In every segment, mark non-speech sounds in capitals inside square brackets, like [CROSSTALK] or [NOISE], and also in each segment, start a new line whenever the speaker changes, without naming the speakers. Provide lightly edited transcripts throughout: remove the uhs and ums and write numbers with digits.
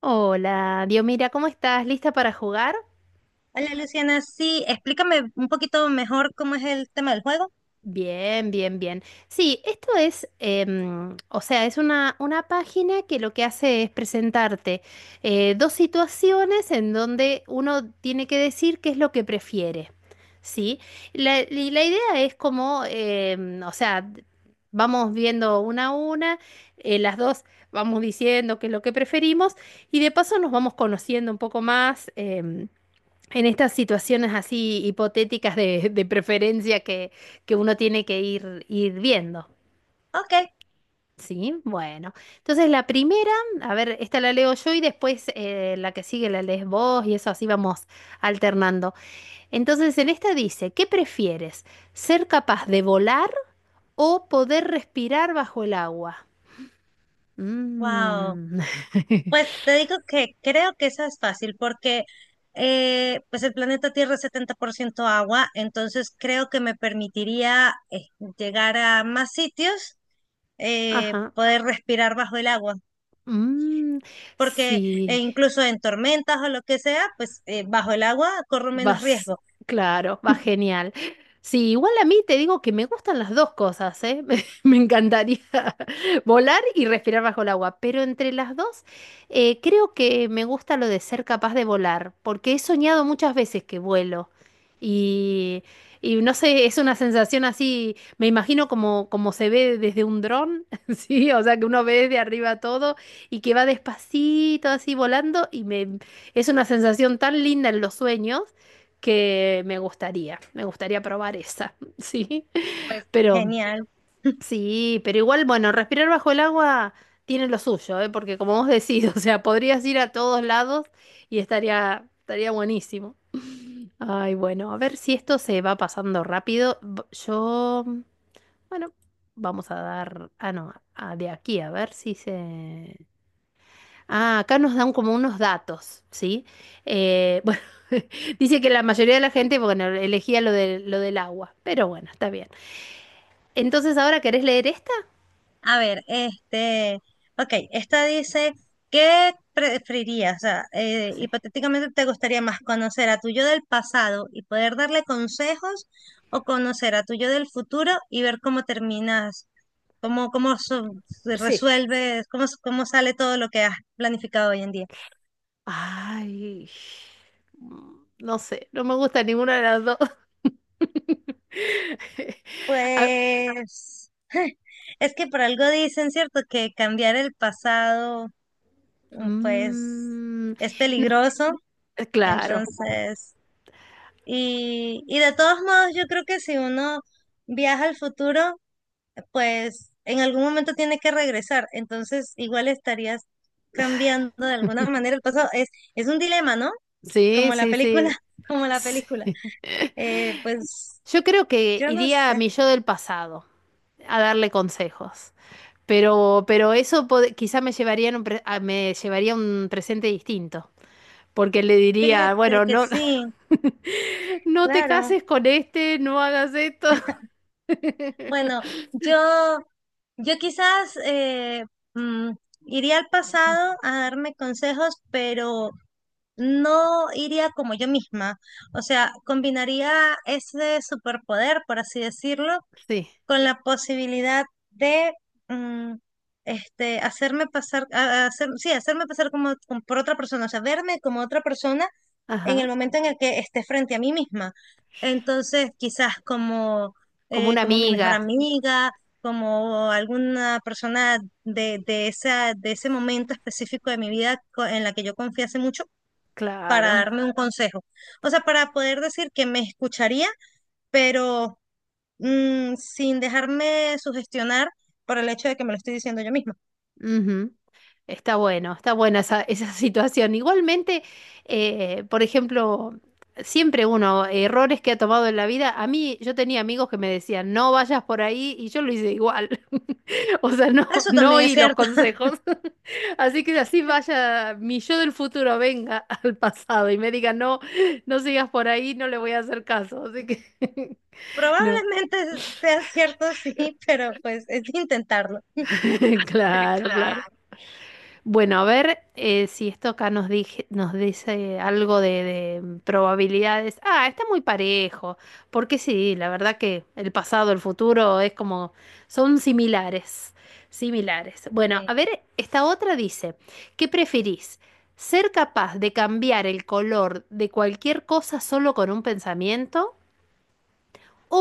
Hola, Diomira, ¿cómo estás? ¿Lista para jugar?
Hola Luciana, sí, explícame un poquito mejor cómo es el tema del juego.
Bien, bien, bien. Sí, esto es, o sea, es una página que lo que hace es presentarte dos situaciones en donde uno tiene que decir qué es lo que prefiere, ¿sí? Y la idea es como, o sea, vamos viendo una a una, las dos, vamos diciendo qué es lo que preferimos y de paso nos vamos conociendo un poco más. En estas situaciones así hipotéticas de preferencia que uno tiene que ir, ir viendo.
Ok,
Sí, bueno. Entonces la primera, a ver, esta la leo yo y después la que sigue la lees vos y eso así vamos alternando. Entonces en esta dice, ¿qué prefieres? ¿Ser capaz de volar o poder respirar bajo el agua?
wow.
Mm.
Pues
[LAUGHS]
te digo que creo que esa es fácil porque pues el planeta Tierra es 70% agua, entonces creo que me permitiría llegar a más sitios,
Ajá.
poder respirar bajo el agua,
Mm,
porque
sí.
incluso en tormentas o lo que sea, pues bajo el agua corro menos
Vas,
riesgo.
claro, va genial. Sí, igual a mí te digo que me gustan las dos cosas, ¿eh? [LAUGHS] Me encantaría [LAUGHS] volar y respirar bajo el agua, pero entre las dos creo que me gusta lo de ser capaz de volar, porque he soñado muchas veces que vuelo y, y no sé, es una sensación así, me imagino como, como se ve desde un dron, [LAUGHS] ¿sí? O sea, que uno ve desde arriba todo y que va despacito así volando y es una sensación tan linda en los sueños que me gustaría probar esa, [LAUGHS]
Pues
pero
genial. [LAUGHS]
sí, pero igual, bueno, respirar bajo el agua tiene lo suyo, ¿eh? Porque como vos decís, [LAUGHS] o sea, podrías ir a todos lados y estaría, estaría buenísimo. Ay, bueno, a ver si esto se va pasando rápido. Yo, bueno, vamos a dar, ah, no, de aquí, a ver si se... Ah, acá nos dan como unos datos, ¿sí? Bueno, [LAUGHS] dice que la mayoría de la gente, bueno, elegía lo de, lo del agua, pero bueno, está bien. Entonces, ¿ahora querés leer esta?
A ver, este, ok, esta dice, ¿qué preferirías? O sea,
Sí.
hipotéticamente te gustaría más conocer a tu yo del pasado y poder darle consejos o conocer a tu yo del futuro y ver cómo terminas, cómo se
Sí.
resuelves, cómo sale todo lo que has planificado hoy en día.
Ay, mm, no sé, no me gusta ninguna de las dos. [LAUGHS] Ah,
Pues, [LAUGHS] es que por algo dicen, ¿cierto? Que cambiar el pasado, pues,
mm,
es peligroso,
claro,
entonces... Y de todos modos, yo creo que si uno viaja al futuro, pues en algún momento tiene que regresar. Entonces, igual estarías cambiando de alguna manera el pasado. Es un dilema, ¿no?
sí,
Como la
sí,
película,
sí.
[LAUGHS] como la película.
Sí.
Pues
[LAUGHS] Yo creo que
yo no
iría a
sé.
mi yo del pasado a darle consejos. Pero eso quizá me llevaría en un me llevaría un presente distinto, porque le diría,
Fíjate
bueno,
que
no,
sí,
[LAUGHS] no te
claro.
cases con este, no hagas esto.
Bueno,
[LAUGHS]
yo, yo quizás mm, iría al pasado a darme consejos, pero no iría como yo misma, o sea, combinaría ese superpoder, por así decirlo,
Sí,
con la posibilidad de mm, hacerme pasar, a hacer- sí, hacerme pasar como, como por otra persona, o sea, verme como otra persona en
ajá,
el momento en el que esté frente a mí misma. Entonces, quizás como,
como una
como mi mejor
amiga,
amiga, como alguna persona de esa, de ese momento específico de mi vida en la que yo confiase mucho para
claro.
darme un consejo. O sea, para poder decir que me escucharía, pero sin dejarme sugestionar por el hecho de que me lo estoy diciendo yo misma.
Ujú. Está bueno, está buena esa, esa [LAUGHS] situación. Igualmente, por ejemplo, siempre uno, errores que ha tomado en la vida, a mí yo tenía amigos que me decían, no vayas por ahí y yo lo hice igual. [LAUGHS] O sea, no,
Eso
no
también es
oí los
cierto. [LAUGHS]
consejos. [LAUGHS] Así que así vaya, mi yo del futuro venga [LAUGHS] al pasado y me diga, no, no sigas por ahí, no le voy a hacer caso. Así que, [LAUGHS] no,
Probablemente sea cierto, [LAUGHS] sí, pero pues es intentarlo.
[LAUGHS]
[LAUGHS]
claro, claro.
Claro.
Bueno, a ver si esto acá nos dice algo de probabilidades. Ah, está muy parejo, porque sí, la verdad que el pasado, el futuro es como, son similares, similares. Bueno, a
Sí.
ver, esta otra dice, ¿qué preferís? ¿Ser capaz de cambiar el color de cualquier cosa solo con un pensamiento?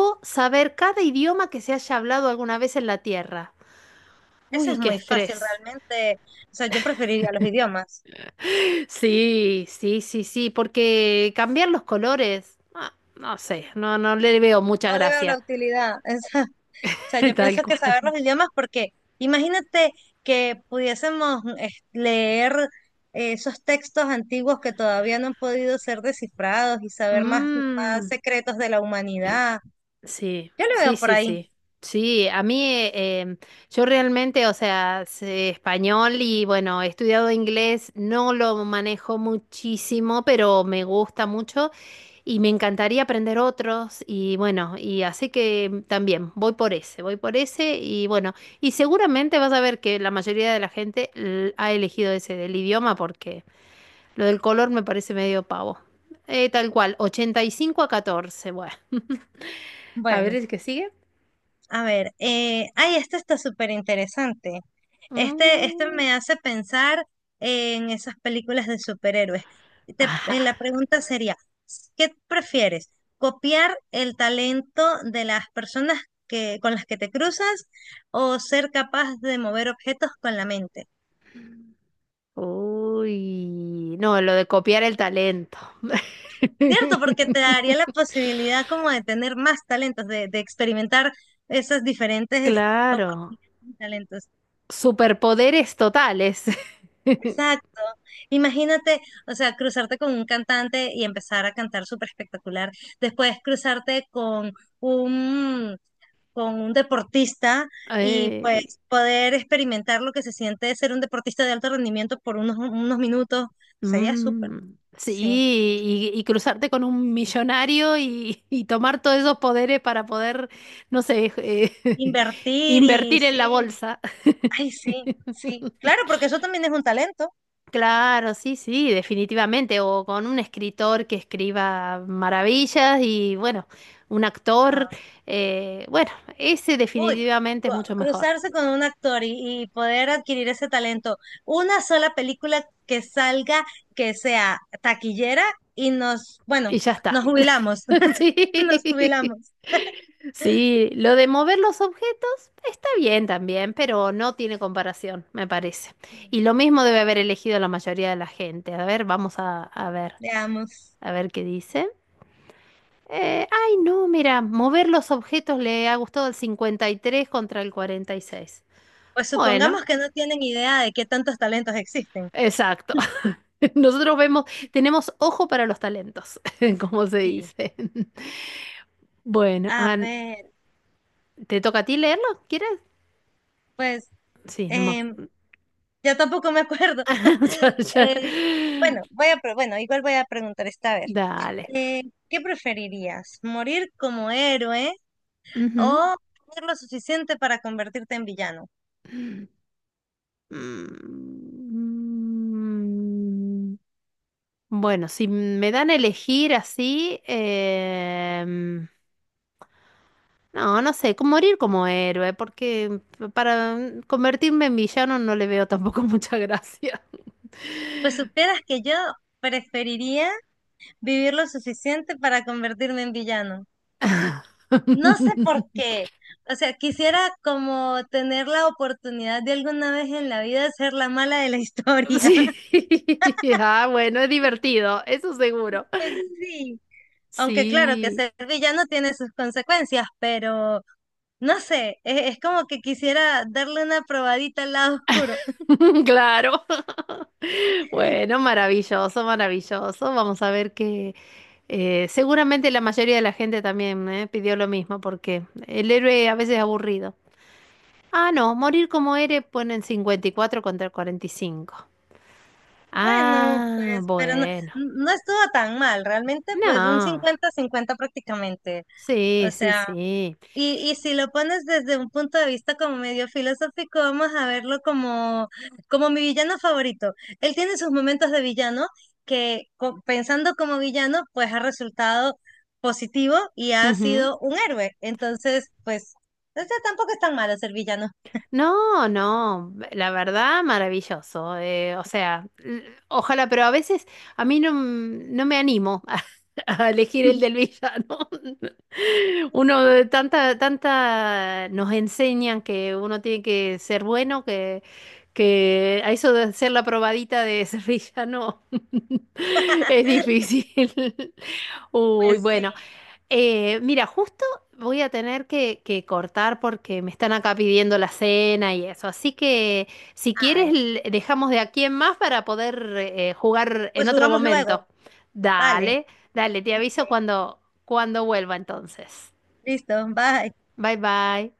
¿O saber cada idioma que se haya hablado alguna vez en la Tierra?
Eso
Uy,
es
qué
muy fácil
estrés.
realmente. O sea, yo preferiría los idiomas.
Sí, sí, sí, sí, porque cambiar los colores, ah, no sé, no, no le veo mucha
No le veo la
gracia,
utilidad. [LAUGHS] O sea, yo
[LAUGHS] tal
pienso que saber
cual.
los idiomas porque imagínate que pudiésemos leer esos textos antiguos que todavía no han podido ser descifrados y saber más, más
Mm,
secretos de la humanidad.
sí,
Yo lo
sí,
veo por
sí,
ahí.
sí. Sí, a mí yo realmente, o sea, sé español y bueno, he estudiado inglés, no lo manejo muchísimo, pero me gusta mucho. Y me encantaría aprender otros y bueno, y así que mm, también voy por ese y bueno, y seguramente vas a ver que la mayoría de la gente ha elegido ese del idioma porque lo del color me parece medio pavo. Tal cual, 85 a 14, bueno. [LAUGHS] A ver
Bueno.
el que sigue.
A ver, ay, este está súper interesante. Este
Mm,
me hace pensar en esas películas de superhéroes.
ajá.
La pregunta sería, ¿qué prefieres? ¿Copiar el talento de las personas que, con las que te cruzas o ser capaz de mover objetos con la mente?
Uy, no, lo de copiar el talento.
Cierto,
[LAUGHS]
porque te daría la posibilidad como de tener más talentos, de experimentar esas diferentes
Claro,
oportunidades y talentos.
superpoderes totales.
Exacto. Imagínate, o sea, cruzarte con un cantante y empezar a cantar súper espectacular. Después cruzarte con un, con un deportista
[LAUGHS]
y
Eh,
pues poder experimentar lo que se siente ser un deportista de alto rendimiento por unos minutos. Sería súper,
mm,
sí.
sí, y cruzarte con un millonario y tomar todos esos poderes para poder, no sé, [LAUGHS]
Invertir y
invertir en la
sí.
bolsa.
Ay, sí, sí.
[LAUGHS]
Claro, porque eso también es un talento.
Claro, sí, sí, definitivamente. O con un escritor que escriba maravillas y bueno, un actor,
Ah.
bueno, ese
Uy,
definitivamente es mucho mejor.
cruzarse con un actor y poder adquirir ese talento. Una sola película que salga, que sea taquillera y
Y ya
nos
está. [LAUGHS]
jubilamos, [LAUGHS] nos
Sí.
jubilamos,
Sí, lo de mover los objetos está bien también, pero no tiene comparación, me parece. Y lo mismo debe haber elegido la mayoría de la gente. A ver, a ver,
veamos.
a ver qué dice. Ay, no, mira, mover los objetos le ha gustado el 53 contra el 46.
Pues
Bueno,
supongamos que no tienen idea de qué tantos talentos existen.
exacto. [LAUGHS] Nosotros vemos, tenemos ojo para los talentos, [LAUGHS] como se
Sí.
dice. [LAUGHS] Bueno,
A
An,
ver,
¿te toca a ti leerlo? ¿Quieres?
pues
Sí, no me
em,
acuerdo.
yo tampoco me acuerdo.
[LAUGHS] O sea,
[LAUGHS] Eh, bueno, bueno, igual voy a preguntar esta vez.
dale.
Eh, ¿Qué preferirías? ¿Morir como héroe
Ujú.
o tener lo suficiente para convertirte en villano?
Mm, bueno, si me dan a elegir así, no, no sé, como morir como héroe, porque para mm, convertirme en villano no le veo tampoco mucha gracia.
Pues supieras que yo preferiría vivir lo suficiente para convertirme en villano. No sé por qué.
[LAUGHS]
O sea, quisiera como tener la oportunidad de alguna vez en la vida ser la mala de la historia.
Sí,
[LAUGHS]
[LAUGHS] ah, bueno, es divertido, eso seguro.
Pues sí. Aunque claro que
Sí.
ser villano tiene sus consecuencias, pero no sé, es como que quisiera darle una probadita al lado oscuro.
[LAUGHS] Claro. Bueno, maravilloso, maravilloso. Vamos a ver que seguramente la mayoría de la gente también pidió lo mismo, porque el héroe a veces es aburrido. Ah, no, morir como héroe ponen 54 contra 45.
Bueno,
Ah,
pues,
bueno.
no estuvo tan mal, realmente, pues un
No.
cincuenta-cincuenta prácticamente. O
Sí, sí,
sea,
sí.
y si lo pones desde un punto de vista como medio filosófico, vamos a verlo como, como mi villano favorito. Él tiene sus momentos de villano que pensando como villano, pues ha resultado positivo y ha
Ujú.
sido un héroe. Entonces, pues, o sea, tampoco es tan malo ser villano.
No, no, la verdad, maravilloso. O sea, ojalá, pero a veces a mí no, no me animo [LAUGHS] a elegir el del villano. [LAUGHS] Uno
[LAUGHS]
de tanta, tanta nos enseñan que uno tiene que ser bueno, que a eso de ser la probadita de ser villano [LAUGHS] es difícil. [LAUGHS] Uy,
Pues sí,
bueno, mira, justo voy a tener que cortar porque me están acá pidiendo la cena y eso. Así que si quieres,
ay,
dejamos de aquí en más para poder jugar en
pues
otro
jugamos
momento.
luego, vale.
Dale, dale, te
Ok.
aviso cuando, cuando vuelva entonces.
Listo, bye.
Bye bye.